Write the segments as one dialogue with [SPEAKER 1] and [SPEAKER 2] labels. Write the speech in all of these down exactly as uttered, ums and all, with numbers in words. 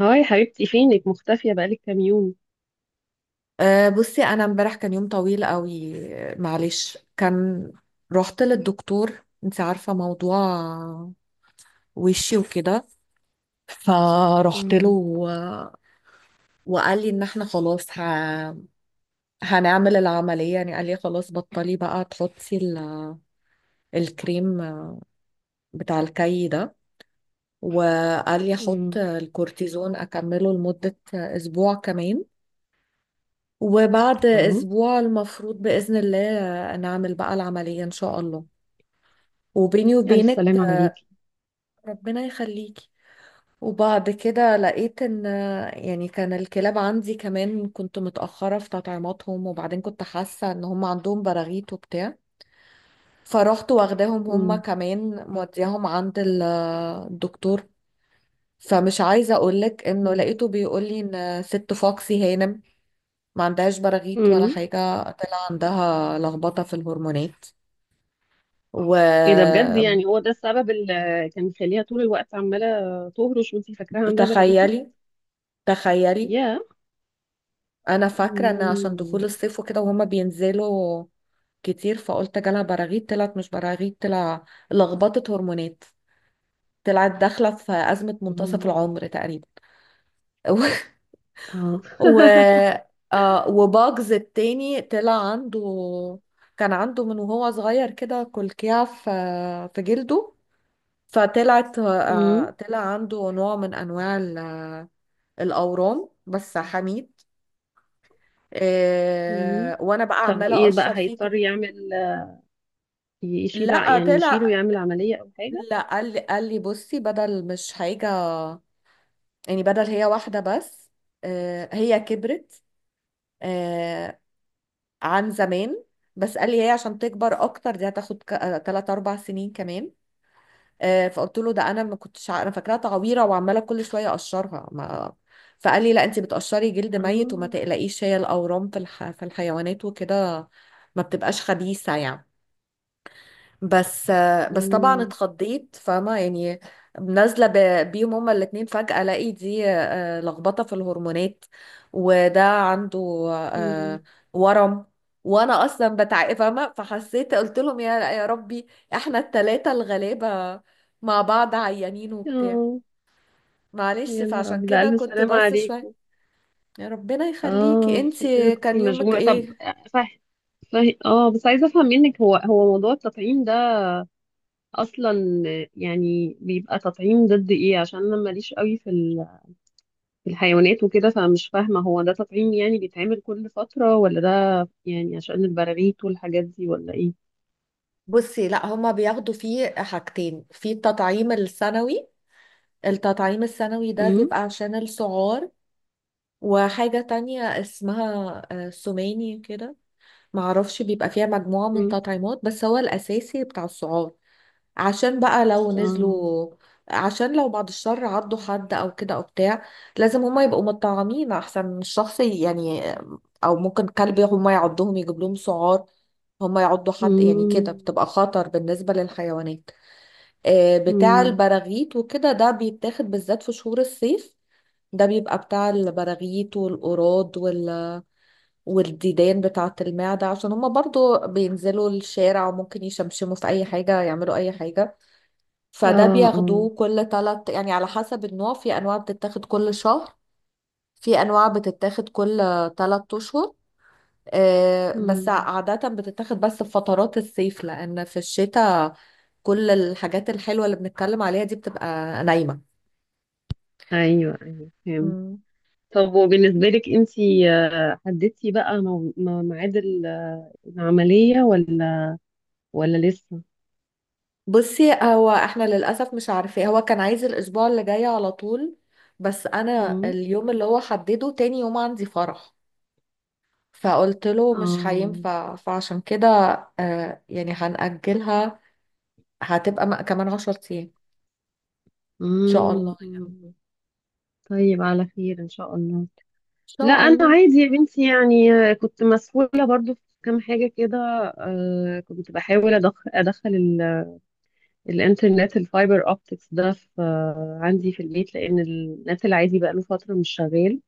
[SPEAKER 1] هاي حبيبتي، فينك؟ مختفية بقالك كام يوم.
[SPEAKER 2] أه، بصي انا امبارح كان يوم طويل قوي. معلش كان رحت للدكتور، انت عارفة موضوع وشي وكده، فرحت له
[SPEAKER 1] مم.
[SPEAKER 2] و- وقال لي ان احنا خلاص ه... هنعمل العملية. يعني قال لي خلاص بطلي بقى تحطي ال... الكريم بتاع الكي ده، وقال لي احط
[SPEAKER 1] مم.
[SPEAKER 2] الكورتيزون اكمله لمدة اسبوع كمان. وبعد
[SPEAKER 1] اه.
[SPEAKER 2] اسبوع المفروض بإذن الله نعمل بقى العملية ان شاء الله. وبيني
[SPEAKER 1] ألف
[SPEAKER 2] وبينك،
[SPEAKER 1] سلامة عليكي.
[SPEAKER 2] ربنا يخليكي. وبعد كده لقيت ان يعني كان الكلاب عندي كمان كنت متأخرة في تطعيماتهم، وبعدين كنت حاسة ان هم عندهم براغيث وبتاع. فرحت واخداهم هم
[SPEAKER 1] مم.
[SPEAKER 2] كمان، مودياهم عند ال- الدكتور. فمش عايزة اقولك انه
[SPEAKER 1] مم.
[SPEAKER 2] لقيته بيقولي ان ست فوكسي هانم ما عندهاش براغيث ولا
[SPEAKER 1] امم.
[SPEAKER 2] حاجة، طلع عندها لخبطة في الهرمونات.
[SPEAKER 1] ايه ده بجد؟
[SPEAKER 2] وتخيلي،
[SPEAKER 1] يعني هو ده السبب اللي كان مخليها طول الوقت عمالة تهرش وانتي فاكراها عندها براريق؟
[SPEAKER 2] تخيلي،
[SPEAKER 1] يا.
[SPEAKER 2] انا فاكره ان عشان دخول
[SPEAKER 1] مم.
[SPEAKER 2] الصيف وكده وهما بينزلوا كتير، فقلت جالها براغيث، طلعت مش براغيث، طلع لخبطه هرمونات. طلعت داخله في ازمه منتصف
[SPEAKER 1] مم.
[SPEAKER 2] العمر تقريبا. و
[SPEAKER 1] اه
[SPEAKER 2] و- آه، وباجز التاني طلع عنده، كان عنده من وهو صغير كده كلكيع في في جلده، فطلعت
[SPEAKER 1] مم.
[SPEAKER 2] آه طلع عنده نوع من انواع ال- الاورام بس حميد.
[SPEAKER 1] مم.
[SPEAKER 2] آه، وانا بقى
[SPEAKER 1] طب
[SPEAKER 2] عماله
[SPEAKER 1] وايه بقى
[SPEAKER 2] اقشر فيه.
[SPEAKER 1] هيضطر يعمل؟ يشيل ع-
[SPEAKER 2] لا
[SPEAKER 1] يعني يشيله،
[SPEAKER 2] طلع،
[SPEAKER 1] يعمل عملية او حاجة؟
[SPEAKER 2] لا قال لي، قال لي بصي بدل مش حاجة، يعني بدل هي واحدة بس. آه، هي كبرت آه، عن زمان. بس قال لي هي عشان تكبر اكتر دي هتاخد ك- آه، تلات اربع سنين كمان. آه، فقلت له ده انا ما كنتش ع- انا فاكراها تعويرة وعمالة كل شوية اقشرها ما. فقال لي لا انت بتقشري جلد ميت، وما
[SPEAKER 1] اه.
[SPEAKER 2] تقلقيش هي الاورام في الح... في الحيوانات وكده ما بتبقاش خبيثة يعني. بس بس طبعا
[SPEAKER 1] مم.
[SPEAKER 2] اتخضيت، فاهمة يعني؟ نازلة ب- بيهم هما الاتنين، فجأة الاقي دي آه، لخبطة في الهرمونات، وده عنده
[SPEAKER 1] مم.
[SPEAKER 2] آه، ورم، وانا اصلا بتعب فاهمة، فحسيت قلت لهم يا يا ربي احنا التلاتة الغلابة مع بعض عيانين وبتاع.
[SPEAKER 1] اه.
[SPEAKER 2] معلش،
[SPEAKER 1] يا نهار
[SPEAKER 2] فعشان
[SPEAKER 1] ابيض! لا،
[SPEAKER 2] كده
[SPEAKER 1] الف
[SPEAKER 2] كنت
[SPEAKER 1] سلامة
[SPEAKER 2] بس شوية.
[SPEAKER 1] عليكم.
[SPEAKER 2] يا ربنا يخليكي،
[SPEAKER 1] اه، عشان كده
[SPEAKER 2] انتي
[SPEAKER 1] كنت
[SPEAKER 2] كان يومك
[SPEAKER 1] مشغولة. طب.
[SPEAKER 2] ايه؟
[SPEAKER 1] صح. صح. اه، بس عايزة افهم منك. هو هو موضوع التطعيم ده اصلا يعني بيبقى تطعيم ضد ايه؟ عشان انا ماليش قوي في ال- في الحيوانات وكده. فمش فاهمة، هو ده تطعيم يعني بيتعمل كل فترة، ولا ده يعني عشان البراغيث والحاجات دي ولا ايه؟
[SPEAKER 2] بصي لا هما بياخدوا فيه حاجتين في التطعيم السنوي. التطعيم السنوي ده
[SPEAKER 1] امم.
[SPEAKER 2] بيبقى عشان السعار، وحاجة تانية اسمها آه، سوماني كده معرفش، بيبقى فيها مجموعة من
[SPEAKER 1] امم.
[SPEAKER 2] تطعيمات، بس هو الأساسي بتاع السعار. عشان بقى لو
[SPEAKER 1] اه.
[SPEAKER 2] نزلوا، عشان لو بعد الشر عضوا حد أو كده أو بتاع، لازم هما يبقوا مطعمين أحسن من الشخص يعني. آه، أو ممكن كلب هما يعضهم يجيب لهم سعار، هما يعضوا حد يعني،
[SPEAKER 1] امم.
[SPEAKER 2] كده بتبقى خطر بالنسبة للحيوانات. آه، بتاع
[SPEAKER 1] امم.
[SPEAKER 2] البراغيث وكده ده بيتاخد بالذات في شهور الصيف. ده بيبقى بتاع البراغيث والقراض وال... والديدان بتاعة المعدة، عشان هما برضو بينزلوا الشارع وممكن يشمشموا في أي حاجة يعملوا أي حاجة.
[SPEAKER 1] اه.
[SPEAKER 2] فده
[SPEAKER 1] اه.
[SPEAKER 2] بياخدوه كل تلت، يعني على حسب النوع، في أنواع بتتاخد كل شهر، في أنواع بتتاخد كل تلت أشهر. آه، بس
[SPEAKER 1] امم.
[SPEAKER 2] عادة بتتاخد بس في فترات الصيف، لأن في الشتاء كل الحاجات الحلوة اللي بنتكلم عليها دي بتبقى
[SPEAKER 1] ايوه، ايوه فهمت.
[SPEAKER 2] نايمة.
[SPEAKER 1] طب وبالنسبة لك انتي، آه، حددتي بقى مو- م- ميعاد العملية، ولا ولا لسه؟
[SPEAKER 2] بصي هو احنا للأسف مش عارفين، هو كان عايز الأسبوع اللي جاي على طول، بس أنا
[SPEAKER 1] مم.
[SPEAKER 2] اليوم اللي هو حدده تاني يوم عندي فرح. فقلت له مش
[SPEAKER 1] اه.
[SPEAKER 2] هينفع، فعشان كده آه، يعني هنأجلها. هتبقى م- كمان عشر أيام إن شاء الله
[SPEAKER 1] مم.
[SPEAKER 2] إن
[SPEAKER 1] مم. طيب، على خير ان شاء الله. لا
[SPEAKER 2] شاء
[SPEAKER 1] انا
[SPEAKER 2] الله.
[SPEAKER 1] عادي يا بنتي، يعني آه، كنت مسؤولة برضو في كام حاجة كده. آه، كنت بحاول أدخ- ادخل ال- الانترنت الفايبر اوبتكس ده في آه، عندي في البيت، لان النت العادي بقى له فترة مش شغال.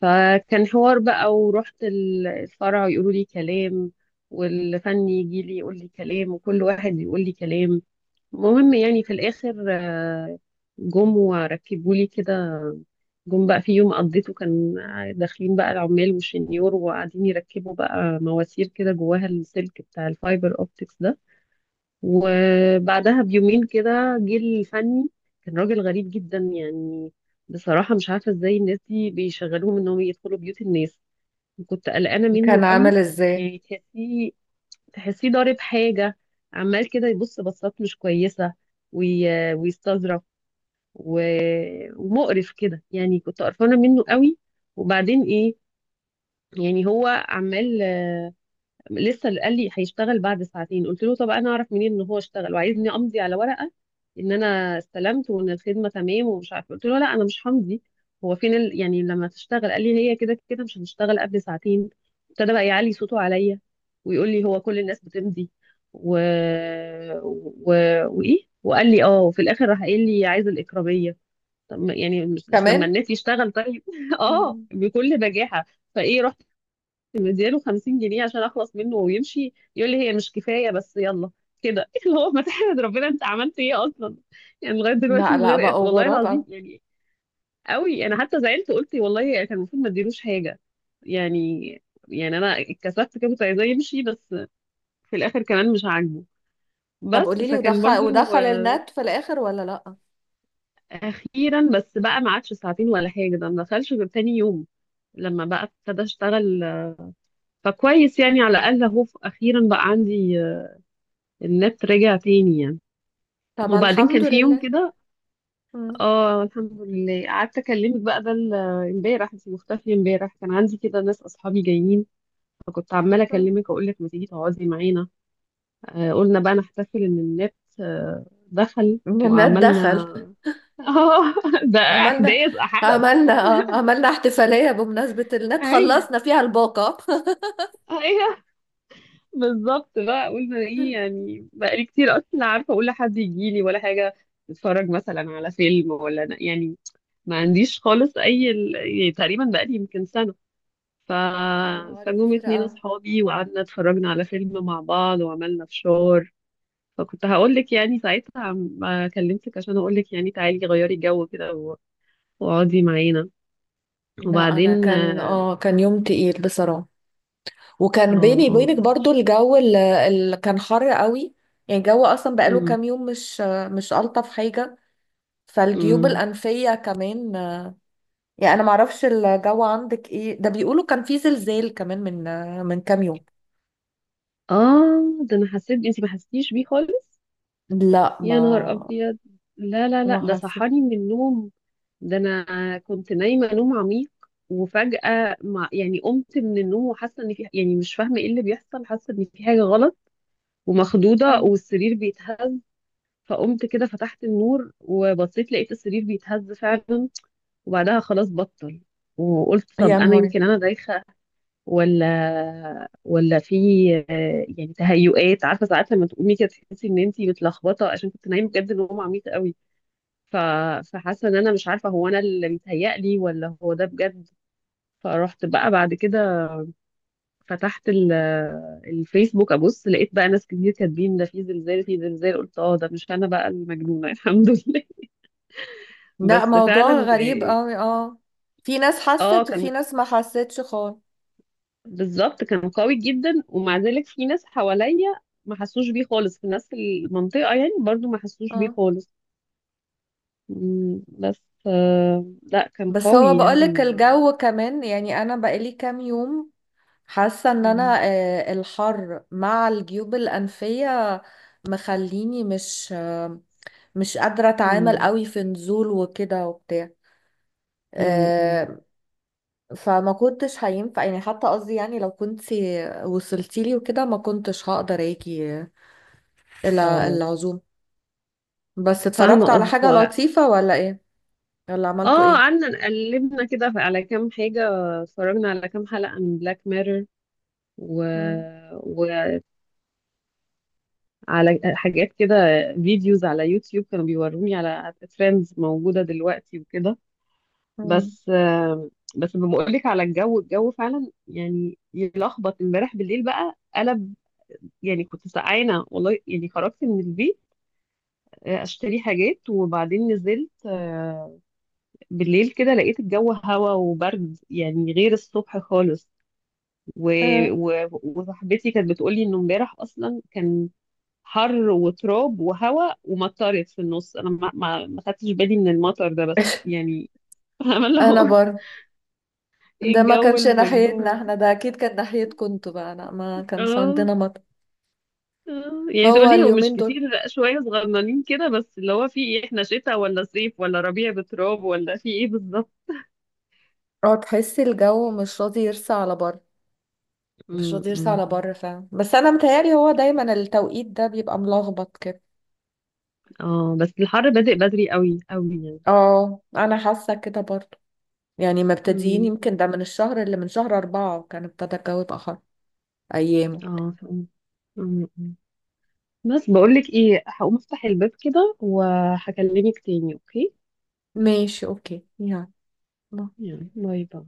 [SPEAKER 1] فكان حوار بقى، ورحت ال- الفرع يقولوا لي كلام، والفني يجي لي يقول لي كلام، وكل واحد يقول لي كلام. المهم يعني في الآخر، آه، جم وركبوا لي كده. جم بقى في يوم قضيته كان داخلين بقى العمال والشنيور، وقاعدين يركبوا بقى مواسير كده جواها السلك بتاع الفايبر اوبتكس ده. وبعدها بيومين كده جه الفني. كان راجل غريب جدا يعني، بصراحة مش عارفة ازاي الناس دي بيشغلوهم انهم يدخلوا بيوت الناس. وكنت قلقانة منه
[SPEAKER 2] كان
[SPEAKER 1] قوي،
[SPEAKER 2] عامل إزاي؟
[SPEAKER 1] يعني تحسيه تحسيه ضارب حاجة، عمال كده يبص بصات مش كويسة، وي... ويستظرف، و... ومقرف كده، يعني كنت قرفانة منه قوي. وبعدين ايه، يعني هو عمال لسه قال لي هيشتغل بعد ساعتين. قلت له طب انا اعرف منين ان هو اشتغل وعايزني امضي على ورقه ان انا استلمت وان الخدمه تمام؟ ومش عارفه، قلت له لا، انا مش همضي. هو فين ال... يعني لما تشتغل؟ قال لي هي كده كده مش هتشتغل قبل ساعتين. ابتدى بقى يعلي صوته عليا ويقول لي هو كل الناس بتمضي، و... و... وايه، وقال لي اه. وفي الاخر راح قايل لي عايز الاكراميه. طب ما- يعني مش مش لما
[SPEAKER 2] كمان.
[SPEAKER 1] الناس يشتغل طيب؟ اه،
[SPEAKER 2] مم.
[SPEAKER 1] بكل بجاحه. فايه، مدياله خمسين جنيه عشان اخلص منه ويمشي، يقول لي هي مش كفايه بس يلا كده. اللي هو ما تحمد ربنا انت عملت ايه اصلا؟ يعني لغايه دلوقتي
[SPEAKER 2] لا
[SPEAKER 1] من
[SPEAKER 2] لا،
[SPEAKER 1] غير إد-
[SPEAKER 2] بقوا
[SPEAKER 1] والله العظيم
[SPEAKER 2] غرابة.
[SPEAKER 1] يعني. قوي، انا حتى زعلت قلت والله كان المفروض ما اديلوش حاجه يعني. يعني انا اتكسفت كده، كنت عايزاه يمشي بس. في الاخر كمان مش عاجبه.
[SPEAKER 2] طب
[SPEAKER 1] بس
[SPEAKER 2] قولي لي،
[SPEAKER 1] فكان
[SPEAKER 2] ودخل،
[SPEAKER 1] برضو،
[SPEAKER 2] ودخل
[SPEAKER 1] آه،
[SPEAKER 2] النت في الآخر ولا لأ؟
[SPEAKER 1] اخيرا بس بقى ما عادش ساعتين ولا حاجه، ده ما دخلش غير تاني يوم لما بقى ابتدى اشتغل. فكويس يعني، على الاقل اهو اخيرا بقى عندي النت رجع تاني يعني.
[SPEAKER 2] طب
[SPEAKER 1] وبعدين كان
[SPEAKER 2] الحمد
[SPEAKER 1] في يوم
[SPEAKER 2] لله.
[SPEAKER 1] كده.
[SPEAKER 2] مم.
[SPEAKER 1] اه، الحمد لله. قعدت اكلمك بقى، ده ال- امبارح انت مختفيه. امبارح كان عندي كده ناس، اصحابي جايين، فكنت عماله
[SPEAKER 2] مم.
[SPEAKER 1] اكلمك اقول لك ما تيجي تقعدي معانا. آه قلنا بقى نحتفل ان النت آه دخل،
[SPEAKER 2] النت
[SPEAKER 1] وعملنا.
[SPEAKER 2] دخل،
[SPEAKER 1] اه ده
[SPEAKER 2] عملنا،
[SPEAKER 1] احداث حدث.
[SPEAKER 2] عملنا اه عملنا احتفالية بمناسبة النت،
[SPEAKER 1] ايوه،
[SPEAKER 2] خلصنا فيها الباقة.
[SPEAKER 1] ايوه بالظبط بقى. قلنا ايه يعني، بقالي كتير اصلا لا عارفه اقول لحد يجي لي ولا حاجه، نتفرج مثلا على فيلم ولا يعني. ما عنديش خالص اي ال... يعني تقريبا بقالي يمكن سنه. ف...
[SPEAKER 2] يا نهاري
[SPEAKER 1] فجم
[SPEAKER 2] كتير
[SPEAKER 1] اتنين
[SPEAKER 2] قوي.
[SPEAKER 1] اصحابي وقعدنا اتفرجنا على فيلم مع بعض وعملنا فشار. فكنت هقول لك يعني ساعتها عم- ما كلمتك عشان اقول لك يعني تعالي غيري جو كده و- واقعدي معانا.
[SPEAKER 2] لا انا
[SPEAKER 1] وبعدين
[SPEAKER 2] كان
[SPEAKER 1] اه.
[SPEAKER 2] اه كان يوم تقيل بصراحة، وكان
[SPEAKER 1] اه.
[SPEAKER 2] بيني
[SPEAKER 1] آه،
[SPEAKER 2] وبينك
[SPEAKER 1] لا
[SPEAKER 2] برضو
[SPEAKER 1] مش.
[SPEAKER 2] الجو اللي كان حر قوي. يعني الجو اصلا بقاله كام
[SPEAKER 1] امم.
[SPEAKER 2] يوم مش مش الطف حاجة، فالجيوب
[SPEAKER 1] امم.
[SPEAKER 2] الانفية كمان. يعني انا معرفش الجو عندك ايه، ده بيقولوا كان في زلزال كمان من من كام يوم.
[SPEAKER 1] اه، ده انا حسيت، انت ما حسيتيش بيه خالص؟
[SPEAKER 2] لا
[SPEAKER 1] يا
[SPEAKER 2] ما
[SPEAKER 1] نهار ابيض! لا لا
[SPEAKER 2] ما
[SPEAKER 1] لا، ده
[SPEAKER 2] حسيت.
[SPEAKER 1] صحاني من النوم. ده انا كنت نايمه نوم عميق، وفجاه ما يعني قمت من النوم وحاسه ان في، يعني مش فاهمه ايه اللي بيحصل، حاسه ان في حاجه غلط ومخضوضه، والسرير بيتهز. فقمت كده فتحت النور وبصيت، لقيت السرير بيتهز فعلا. وبعدها خلاص بطل. وقلت طب
[SPEAKER 2] يا
[SPEAKER 1] انا
[SPEAKER 2] نهاري.
[SPEAKER 1] يمكن انا دايخه، ولا ولا في، آه، يعني تهيؤات، عارفه ساعات لما تقومي كده تحسي ان انتي متلخبطه عشان كنت نايمه بجد نوم عميق قوي. ف... فحاسه ان انا مش عارفه هو انا اللي متهيألي ولا هو ده بجد. فروحت بقى بعد كده فتحت ال... الفيسبوك، ابص لقيت بقى ناس كتير كاتبين ده في زلزال، في زلزال. قلت اه، ده مش انا بقى المجنونه. الحمد لله.
[SPEAKER 2] لا،
[SPEAKER 1] بس
[SPEAKER 2] موضوع
[SPEAKER 1] فعلا.
[SPEAKER 2] غريب قوي، اه. في ناس
[SPEAKER 1] اه،
[SPEAKER 2] حست وفي
[SPEAKER 1] كان
[SPEAKER 2] ناس ما حستش خالص.
[SPEAKER 1] بالظبط كان قوي جدا، ومع ذلك في ناس حواليا ما حسوش بيه خالص، في ناس في المنطقه يعني برضو ما حسوش بيه
[SPEAKER 2] اه.
[SPEAKER 1] خالص. مم، بس آه لا، كان
[SPEAKER 2] بس هو
[SPEAKER 1] قوي يعني
[SPEAKER 2] بقولك
[SPEAKER 1] ما.
[SPEAKER 2] الجو كمان، يعني انا بقالي كام يوم حاسه ان
[SPEAKER 1] مم،
[SPEAKER 2] انا آه، الحر مع الجيوب الانفيه مخليني مش آه، مش قادره اتعامل
[SPEAKER 1] مم،
[SPEAKER 2] قوي في نزول وكده وبتاع.
[SPEAKER 1] مم، مم.
[SPEAKER 2] آه، فما كنتش هينفع يعني، حتى قصدي يعني لو كنت وصلتيلي وكده ما كنتش هقدر اجي الى
[SPEAKER 1] اه،
[SPEAKER 2] العزوم. بس
[SPEAKER 1] فاهمة
[SPEAKER 2] اتفرجت على
[SPEAKER 1] قصدك.
[SPEAKER 2] حاجه
[SPEAKER 1] هو
[SPEAKER 2] لطيفه ولا ايه؟ يلا عملتوا
[SPEAKER 1] اه،
[SPEAKER 2] ايه؟
[SPEAKER 1] قعدنا قلبنا كده ف- على كام حاجة، اتفرجنا على كام حلقة من بلاك ميرور، و...
[SPEAKER 2] مم.
[SPEAKER 1] وعلى حاجات كده، فيديوز على يوتيوب كانوا بيوروني على ترندز موجودة دلوقتي وكده.
[SPEAKER 2] مم.
[SPEAKER 1] بس آه، بس بقولك على الجو، الجو فعلا يعني يلخبط. امبارح بالليل بقى قلب، يعني كنت سقعانة والله. يعني خرجت من البيت آه، اشتري حاجات وبعدين نزلت، آه، بالليل كده لقيت الجو هوا وبرد، يعني غير الصبح خالص. و...
[SPEAKER 2] آه.
[SPEAKER 1] و... وصاحبتي كانت بتقولي انه امبارح اصلا كان حر وتراب وهوا، ومطرت في النص. انا ما ما, ما خدتش بالي من المطر ده بس يعني. فاهمه اللي
[SPEAKER 2] انا
[SPEAKER 1] هو.
[SPEAKER 2] بر،
[SPEAKER 1] إيه
[SPEAKER 2] ده ما
[SPEAKER 1] الجو
[SPEAKER 2] كانش ناحيتنا
[SPEAKER 1] المجنون!
[SPEAKER 2] احنا، ده اكيد كان ناحيتكم انتوا بقى. لا ما كانش
[SPEAKER 1] اه.
[SPEAKER 2] عندنا مطر.
[SPEAKER 1] آه. يعني
[SPEAKER 2] هو
[SPEAKER 1] تقولي هو مش
[SPEAKER 2] اليومين دول
[SPEAKER 1] كتير، لأ، شويه صغننين كده، بس اللي هو في ايه، احنا شتاء ولا صيف ولا ربيع بتراب، ولا في ايه بالظبط؟
[SPEAKER 2] اه تحس الجو مش راضي يرسى على بر. مش
[SPEAKER 1] أمم،
[SPEAKER 2] راضي يرسى
[SPEAKER 1] أمم،
[SPEAKER 2] على
[SPEAKER 1] أمم.
[SPEAKER 2] بر فعلا، بس انا متهيألي هو دايما التوقيت ده بيبقى ملخبط كده.
[SPEAKER 1] اه، بس الحر بادئ بدري قوي قوي.
[SPEAKER 2] اه انا حاسه كده برضه. يعني مبتدئين،
[SPEAKER 1] يعني
[SPEAKER 2] يمكن ده من الشهر اللي من شهر أربعة وكان ابتدى الجو يبقى حر ايامه.
[SPEAKER 1] اه، فهمت. م- م. بس بقولك ايه، هقوم افتح الباب كده وهكلمك تاني، اوكي؟
[SPEAKER 2] ماشي اوكي يعني.
[SPEAKER 1] يلا، باي باي.